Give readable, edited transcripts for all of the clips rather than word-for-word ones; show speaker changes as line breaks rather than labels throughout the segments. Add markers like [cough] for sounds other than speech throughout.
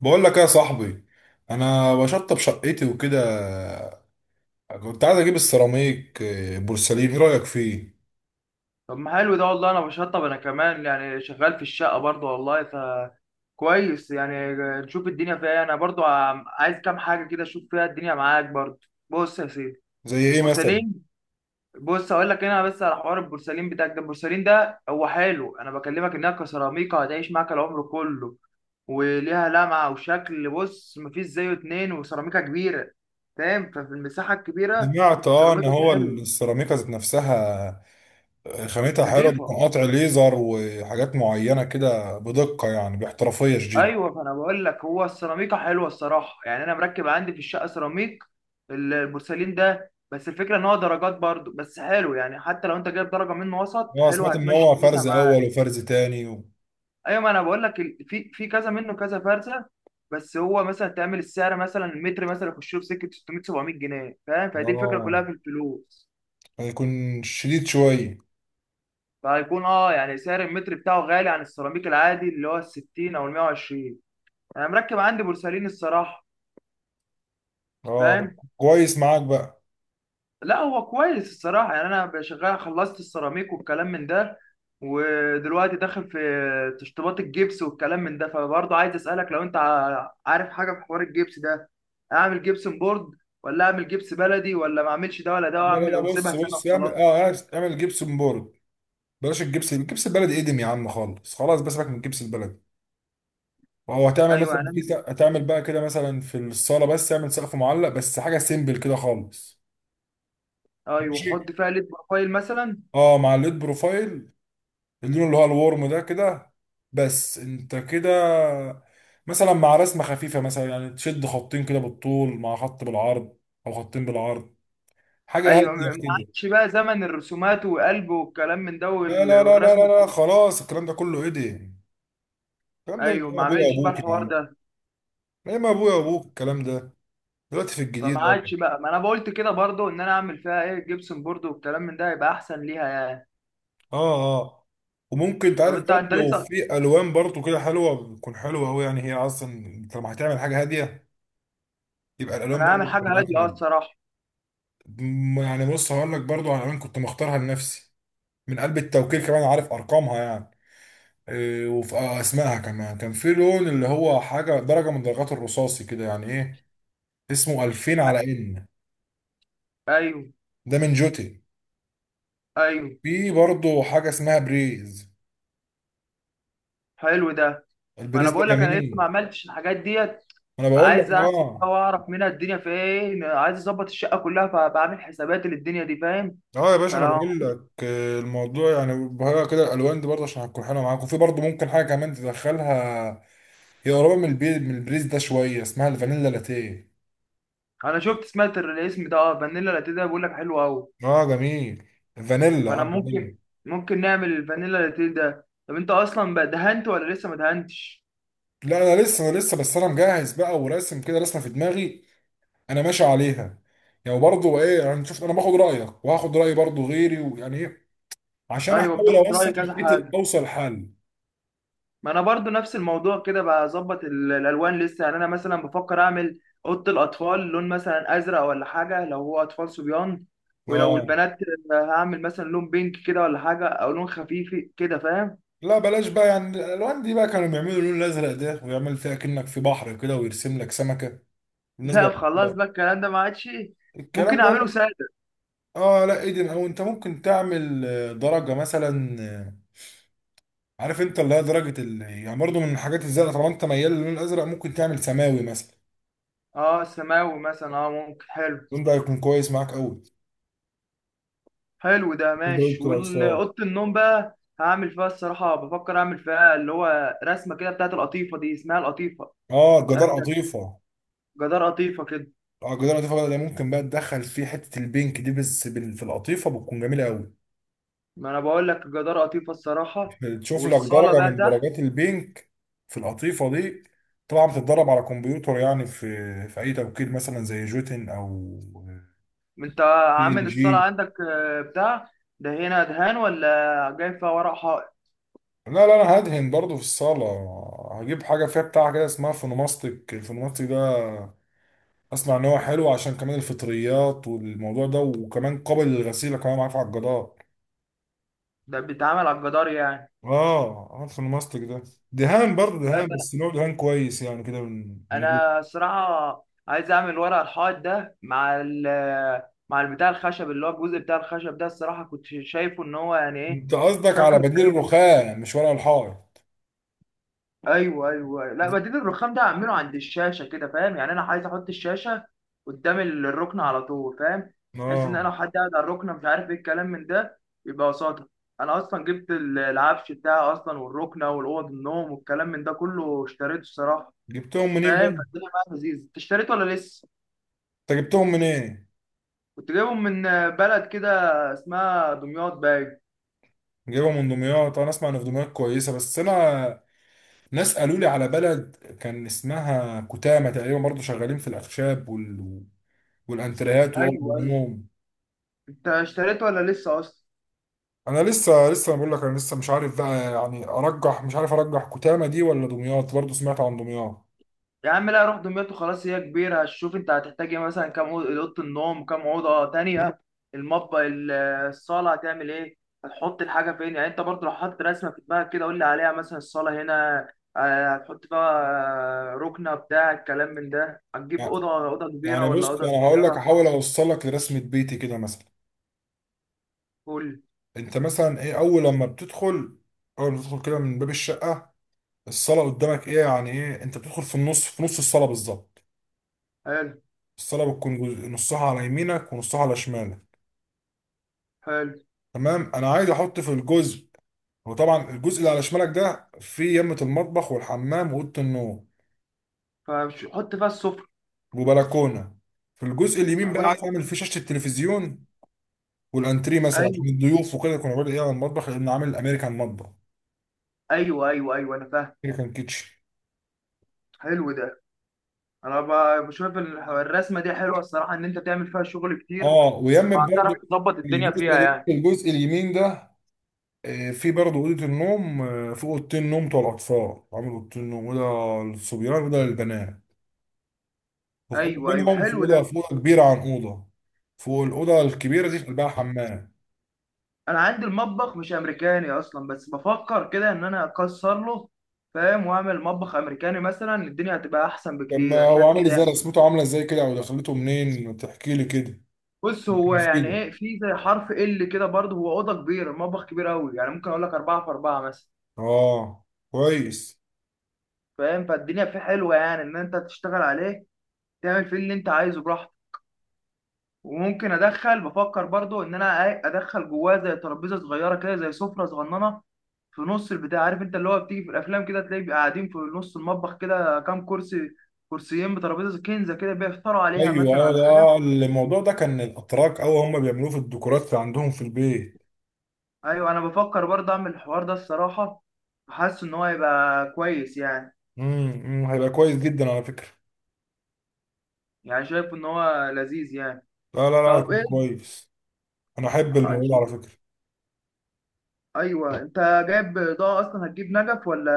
بقول لك إيه يا صاحبي. انا بشطب شقتي وكده. كنت عايز اجيب السيراميك، بورسلين، ايه رايك فيه؟
طب، ما حلو ده والله. انا بشطب، انا كمان يعني شغال في الشقه برضه والله. كويس يعني. نشوف الدنيا فيها إيه. انا برضه عايز كام حاجه كده، اشوف فيها الدنيا معاك برضه. بص يا سيدي.
زي ايه مثلا؟
البورسلين. بص اقول لك، هنا بس على حوار البورسلين بتاعك ده. البورسلين ده هو حلو، انا بكلمك انها كسيراميكا هتعيش معاك العمر كله، وليها لمعه وشكل. بص مفيش زيه اتنين، وسيراميكا كبيره، فاهم؟ ففي المساحه الكبيره
سمعت ان
السيراميكا دي
هو
حلوه،
السيراميكا ذات نفسها. خامتها حلوه، بتكون
نضيفه.
قطع ليزر وحاجات معينه كده بدقه، يعني باحترافيه شديده.
ايوه، فانا بقول لك هو السيراميكا حلوه الصراحه يعني. انا مركب عندي في الشقه سيراميك، البورسلين ده. بس الفكره ان هو درجات برضو، بس حلو يعني، حتى لو انت جايب درجه منه وسط
اه
حلو
سمعت ان
هتمشي
هو
دنيتها
فرز
معاه.
اول وفرز تاني و...
ايوه، ما انا بقول لك في كذا منه كذا فرزه. بس هو مثلا تعمل السعر مثلا، المتر مثلا يخش له في سكه 600 700 جنيه، فاهم؟ فدي الفكره كلها
اه
في الفلوس.
هيكون شديد شويه.
فهيكون يعني سعر المتر بتاعه غالي عن السيراميك العادي اللي هو ال 60 او ال 120. انا مركب عندي بورسلين الصراحه،
اه
فاهم؟
كويس معاك بقى.
لا هو كويس الصراحة يعني. أنا شغال، خلصت السيراميك والكلام من ده، ودلوقتي داخل في تشطيبات الجبس والكلام من ده. فبرضه عايز أسألك لو أنت عارف حاجة في حوار الجبس ده. أعمل جبسن بورد، ولا أعمل جبس بلدي، ولا ما أعملش ده ولا ده
لا لا
وأعمل
لا، بص
وأسيبها سنة
بص اعمل،
وخلاص؟
اعمل جبسون بورد. بلاش الجبس البلدي ادم يا عم خالص، خلاص بس سيبك من الجبس البلدي. او هتعمل مثلا
أيوه
في
هنعمل.
هتعمل بقى كده مثلا في الصاله بس، اعمل سقف معلق بس، حاجه سيمبل كده خالص.
أيوه
ماشي،
وأحط فيها ليد بروفايل مثلا.
اه مع الليد بروفايل. اللون اللي هو الورم ده كده، بس انت كده مثلا مع رسمه خفيفه، مثلا يعني تشد خطين كده بالطول مع خط بالعرض، او خطين بالعرض، حاجه
أيوه، ما
هاديه كده.
عادش بقى زمن الرسومات وقلب والكلام من ده
لا لا لا لا
والرسمة
لا لا،
الكبيرة.
خلاص الكلام ده كله ايه ده؟ الكلام ده من
أيوه،
أيام
ما
ابويا
أعملش بقى
وابوك يا
الحوار
عم.
ده.
ايه، ما ابويا وابوك الكلام ده، دلوقتي في
فما
الجديد يعني.
عادش بقى، ما انا قلت كده برضو ان انا اعمل فيها ايه، جبسن بورد والكلام من ده، يبقى احسن ليها يعني.
اه اه. وممكن
طب
تعرف
انت
برضه
انت
لو
لسه.
في الوان برضه كده حلوه، بتكون حلوه قوي يعني، هي اصلا انت لما هتعمل حاجه هاديه يبقى الالوان
انا
برضه
هعمل
بتكون
حاجه
معاك
هاديه
جامد.
الصراحه.
يعني بص هقول لك برضه على الوان كنت مختارها لنفسي، من قلب التوكيل كمان، عارف ارقامها يعني. إيه، وفي اسمائها كمان، كان في لون اللي هو حاجه، درجه من درجات الرصاصي كده يعني، ايه اسمه، 2000 على ان،
ايوه،
ده من جوتي.
ايوه،
في برضه حاجه اسمها بريز،
حلو ده. ما انا
البريز ده
بقول لك انا لسه
جميل.
ما عملتش الحاجات ديت.
انا بقول لك
فعايز احسب بقى
اه.
واعرف منها الدنيا في ايه، عايز اظبط الشقه كلها، فبعمل حسابات للدنيا دي، فاهم؟
اه يا باشا، انا
فلو.
بقول لك، الموضوع يعني بهرقة كده، الالوان دي برضه عشان هتكون حلوه معاك، وفي برضه ممكن حاجه كمان تدخلها، هي قريبه من من البريز ده شويه، اسمها الفانيلا لاتيه.
انا شفت سمعت الاسم ده، فانيلا لاتيه، ده بيقول لك حلو قوي.
اه جميل، فانيلا، اه
فانا
جميل.
ممكن نعمل الفانيلا لاتيه ده. طب انت اصلا بقى دهنت ولا لسه ما دهنتش؟
لا انا لسه، انا لسه بس، انا مجهز بقى وراسم كده رسمه في دماغي انا ماشي عليها. يعني برضه ايه، انا شفت، انا باخد رايك وهاخد راي برضه غيري ويعني ايه، عشان
ايوه،
احاول
بتاخد راي
اوصل
كذا
شقتي،
حد.
اوصل حل.
ما انا برضو نفس الموضوع كده، بظبط الالوان لسه يعني. انا مثلا بفكر اعمل اوضه الاطفال لون مثلا ازرق ولا حاجه، لو هو اطفال صبيان. ولو
اه
البنات، هعمل مثلا لون بينك كده ولا حاجه، او لون خفيف كده، فاهم؟
لا بلاش بقى، يعني الالوان دي بقى كانوا بيعملوا اللون الازرق ده، ويعمل فيها كأنك في بحر كده، ويرسم لك سمكة.
[laughs]
بالنسبة
لا خلاص
للأطفال،
بقى، الكلام ده ما عادش.
الكلام
ممكن
ده
اعمله
لا.
ساده.
اه لا ايدن، او انت ممكن تعمل، درجة مثلا، عارف انت اللي هي درجة ال... يعني برضه من الحاجات الزرقاء، طالما انت ميال للون الازرق ممكن تعمل سماوي مثلا.
اه، سماوي مثلا، ممكن حلو.
اللون ده هيكون كويس معاك قوي.
حلو ده،
بالنسبة
ماشي.
للاطفال،
والاوضه النوم بقى، هعمل فيها الصراحه بفكر اعمل فيها اللي هو رسمه كده بتاعت القطيفه دي، اسمها القطيفه.
اه
مش
الجدار
عارف ده،
قطيفة.
جدار قطيفه كده.
اه الجدار قطيفة بقى، ده ممكن بقى تدخل فيه حتة البينك دي، بس في القطيفة بتكون جميلة قوي.
ما انا بقول لك جدار قطيفه الصراحه.
تشوف لك
والصاله
درجة
بقى
من
تحت.
درجات البينك في القطيفة دي. طبعا بتتدرب على كمبيوتر يعني، في في أي توكيل مثلا زي جوتن، أو
انت
دي ال
عامل
جي.
الصاله عندك بتاع ده، هنا دهان ولا جاي فيها ورق حائط؟
لا لا، أنا هدهن برضو في الصالة، هجيب حاجة فيها بتاع كده اسمها فونوماستيك. الفونوماستيك ده أسمع إن هو حلو، عشان كمان الفطريات والموضوع ده، وكمان قابل للغسيل، كمان معاه في عجادات.
ده بيتعمل على الجدار يعني؟
آه، الفونوماستيك ده دهان برضه،
لا ده
دهان
انا
بس نوع دهان كويس، يعني كده من
أنا
جوتن.
الصراحه عايز اعمل ورق الحائط ده مع مع البتاع الخشب، اللي هو الجزء بتاع الخشب ده. الصراحه كنت شايفه ان هو يعني ايه،
أنت قصدك على
شكله
بديل
حلو.
الرخام، مش ورق الحائط؟
ايوه، ايوه. لا بديل الرخام ده اعمله عند الشاشه كده، فاهم يعني؟ انا عايز احط الشاشه قدام الركن على طول، فاهم؟ بحيث ان انا
اه
لو حد قاعد على الركن مش عارف ايه الكلام من ده، يبقى قصادها. انا اصلا جبت العفش بتاعي اصلا، والركنه والاوض النوم والكلام من ده كله اشتريته الصراحه،
جبتهم منين
فاهم؟
بقى؟
فالدنيا معايا لذيذ. انت اشتريته ولا لسه؟
انت جبتهم منين؟
كنت جايبهم من بلد كده، اسمها دمياط باين.
جايبهم من دمياط، انا اسمع ان في دمياط كويسه، بس انا ناس قالوا لي على بلد كان اسمها كتامه تقريبا، برضو شغالين في الاخشاب وال... والانتريات واوض
ايوه، ايوه.
النوم.
انت اشتريته ولا لسه اصلا؟
انا لسه، بقول لك انا لسه مش عارف بقى، يعني ارجح، مش عارف ارجح كتامه دي ولا دمياط، برضو سمعت عن دمياط.
يا عم لا، روح دمياط وخلاص. هي كبيرة، هتشوف انت هتحتاج ايه مثلا. كام اوضة النوم، كام أوضة تانية، المطبخ، الصالة هتعمل ايه، هتحط الحاجة فين. يعني انت برضه لو حاطط رسمة في دماغك كده، قول لي عليها. مثلا الصالة هنا، هتحط بقى ركنة بتاع الكلام من ده؟ هتجيب
يعني
أوضة كبيرة
يعني
ولا
بص
أوضة
انا هقول لك،
صغيرة؟
احاول اوصلك لرسمه بيتي كده مثلا.
قول.
انت مثلا ايه اول لما بتدخل، اول ما بتدخل كده من باب الشقه، الصلاة قدامك ايه، يعني ايه، انت بتدخل في النص، في نص الصلاة بالظبط.
حلو،
الصلاة بتكون جزء نصها على يمينك ونصها على شمالك.
حلو،
تمام، انا عايز احط في الجزء، وطبعا الجزء اللي على شمالك ده فيه يمة المطبخ والحمام وأوضة النوم
فحط فيها السفرة.
وبلكونة. في الجزء اليمين
انا
بقى
بقول
عايز
لك
اعمل فيه شاشة التلفزيون والانتريه مثلا، عشان
ايوه،
الضيوف وكده يكونوا قاعدين ايه على المطبخ، لان عامل امريكان مطبخ،
ايوه، ايوه، ايوه، انا فاهم.
امريكان كيتشن.
حلو ده. انا بشوف الرسمه دي حلوه الصراحه، ان انت تعمل فيها شغل كتير،
اه ويمت
وهتعرف
برضه
تظبط الدنيا فيها
الجزء
يعني.
الجزء اليمين ده، في برضه أوضة النوم، في أوضتين نوم بتوع الأطفال، عامل أوضتين نوم، أوضة للصبيان وأوضة للبنات، وفي أوضة
ايوه، ايوه،
منهم، في
حلو
أوضة،
ده.
في أوضة كبيرة عن أوضة. فوق الأوضة الكبيرة دي في قلبها حمام.
انا عندي المطبخ مش امريكاني اصلا، بس بفكر كده ان انا اكسر له، فاهم؟ واعمل مطبخ امريكاني مثلا، الدنيا هتبقى احسن بكتير،
لما
انا
هو
شايف
عامل
كده
إزاي،
يعني.
رسمته عاملة إزاي كده، أو دخلته منين، تحكي لي كده
بص
يمكن
هو يعني
أفيدك.
ايه، في زي حرف ال كده برضه هو. اوضه كبيره، المطبخ كبير قوي يعني، ممكن اقول لك اربعه في اربعه مثلا.
آه كويس.
فاهم؟ فالدنيا فيه حلوه يعني، ان انت تشتغل عليه تعمل فيه اللي انت عايزه براحتك. وممكن ادخل بفكر برضه ان انا ادخل جواه زي ترابيزه صغيره كده، زي سفره صغننه، في نص البتاع، عارف انت اللي هو بتيجي في الافلام كده، تلاقي بيبقى قاعدين في نص المطبخ كده، كام كرسي، كرسيين بترابيزه كنزه كده، بيفطروا عليها
أيوه،
مثلا ولا حاجه.
ده الموضوع ده كان الأتراك أو هم بيعملوه في الديكورات اللي عندهم في البيت.
ايوه، انا بفكر برضه اعمل الحوار ده الصراحه، حاسس ان هو هيبقى كويس يعني.
أمم، هيبقى كويس جدا على فكرة.
يعني شايف ان هو لذيذ يعني.
لا لا لا،
طب
هيكون
ايه،
كويس. أنا أحب
إن
الموضوع ده
شاء
على
الله.
فكرة.
ايوه، انت جايب اضاءه اصلا؟ هتجيب نجف ولا،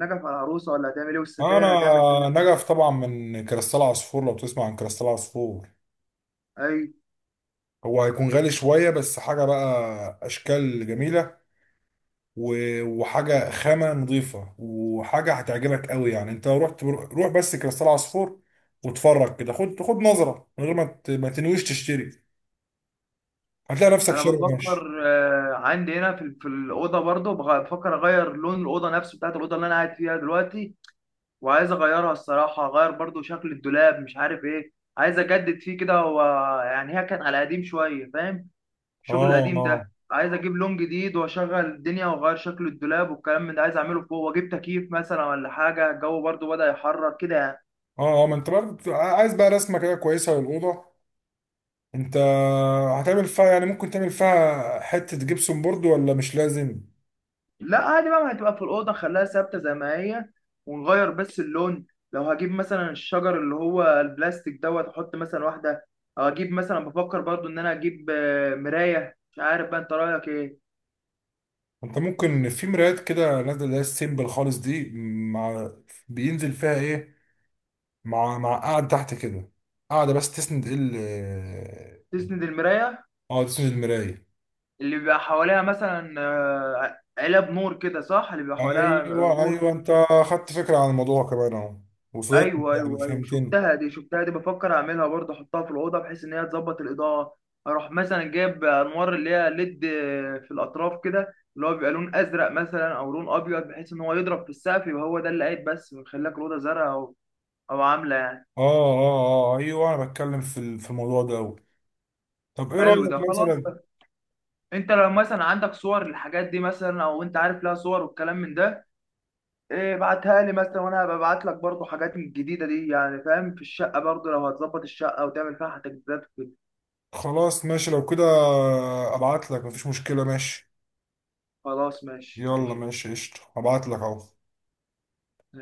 نجف على العروسه، ولا هتعمل ايه؟
انا
والستاير هتعمل فين؟
نجف طبعا من كريستال عصفور، لو تسمع عن كريستال عصفور.
ايوه،
هو هيكون غالي شوية، بس حاجة بقى اشكال جميلة، وحاجة خامة نظيفة، وحاجة هتعجبك قوي يعني. انت لو رحت، روح بس كريستال عصفور واتفرج كده، خد نظرة، من غير ما ما تنويش تشتري، هتلاقي نفسك
انا
شاري ماشي.
بفكر عندي هنا في الاوضه برضو، بفكر اغير لون الاوضه نفسه بتاعت الاوضه اللي انا قاعد فيها دلوقتي. وعايز اغيرها الصراحه، اغير برضو شكل الدولاب مش عارف ايه، عايز اجدد فيه كده. هو يعني هي كانت على قديم شويه، فاهم؟
اه
الشغل القديم
اه
ده، عايز اجيب لون جديد واشغل الدنيا واغير شكل الدولاب والكلام من ده، عايز اعمله فوق، واجيب تكييف مثلا ولا حاجه، الجو برضو بدأ يحرر كده يعني.
اه اه ما انت برضه عايز بقى رسمة كده كويسة للأوضة، انت هتعمل فيها يعني ممكن تعمل فيها حتة جبسون بورد ولا مش لازم؟
لا عادي بقى، ما هتبقى في الأوضة خليها ثابتة زي ما هي، ونغير بس اللون. لو هجيب مثلا الشجر اللي هو البلاستيك دوت، أحط مثلا واحدة، أو أجيب مثلا، بفكر برضو إن أنا أجيب مراية، مش عارف بقى أنت رأيك إيه.
انت ممكن في مرايات كده نازله، اللي هي السيمبل خالص دي، مع، بينزل فيها ايه، مع، مع قاعد تحت كده، قاعده بس تسند ال،
تسند المراية،
اه آه، تسند المرايه.
اللي بيبقى حواليها مثلا علب نور كده، صح؟ اللي بيبقى حواليها
ايوه
نور
ايوه،
نور.
انت خدت فكره عن الموضوع كمان اهو، وصلت،
ايوه،
يعني
ايوه، ايوه،
فهمتني.
شفتها دي، شفتها دي بفكر اعملها برضه، احطها في الاوضه بحيث ان هي تظبط الاضاءه. اروح مثلا جايب انوار اللي هي ليد، في الاطراف كده، اللي هو بيبقى لون ازرق مثلا او لون ابيض، بحيث ان هو يضرب في السقف يبقى هو ده اللي قايد بس، ويخلي لك الاوضه زرقاء، او عامله يعني.
اه اه اه ايوه، انا بتكلم في في الموضوع ده أوي. طب ايه
حلو
رايك
ده، خلاص.
مثلا؟
انت لو مثلا عندك صور للحاجات دي مثلا، او انت عارف لها صور والكلام من ده، إيه، ابعتها لي مثلا، وانا هبقى ابعت لك برضه حاجات من الجديده دي يعني، فاهم؟ في الشقه برضه لو هتظبط الشقه وتعمل فيها تجديدات وكده.
خلاص ماشي لو كده ابعت لك، مفيش مشكله، ماشي.
خلاص ماشي،
يلا
ماشي
ماشي، قشطه، ابعت لك اهو.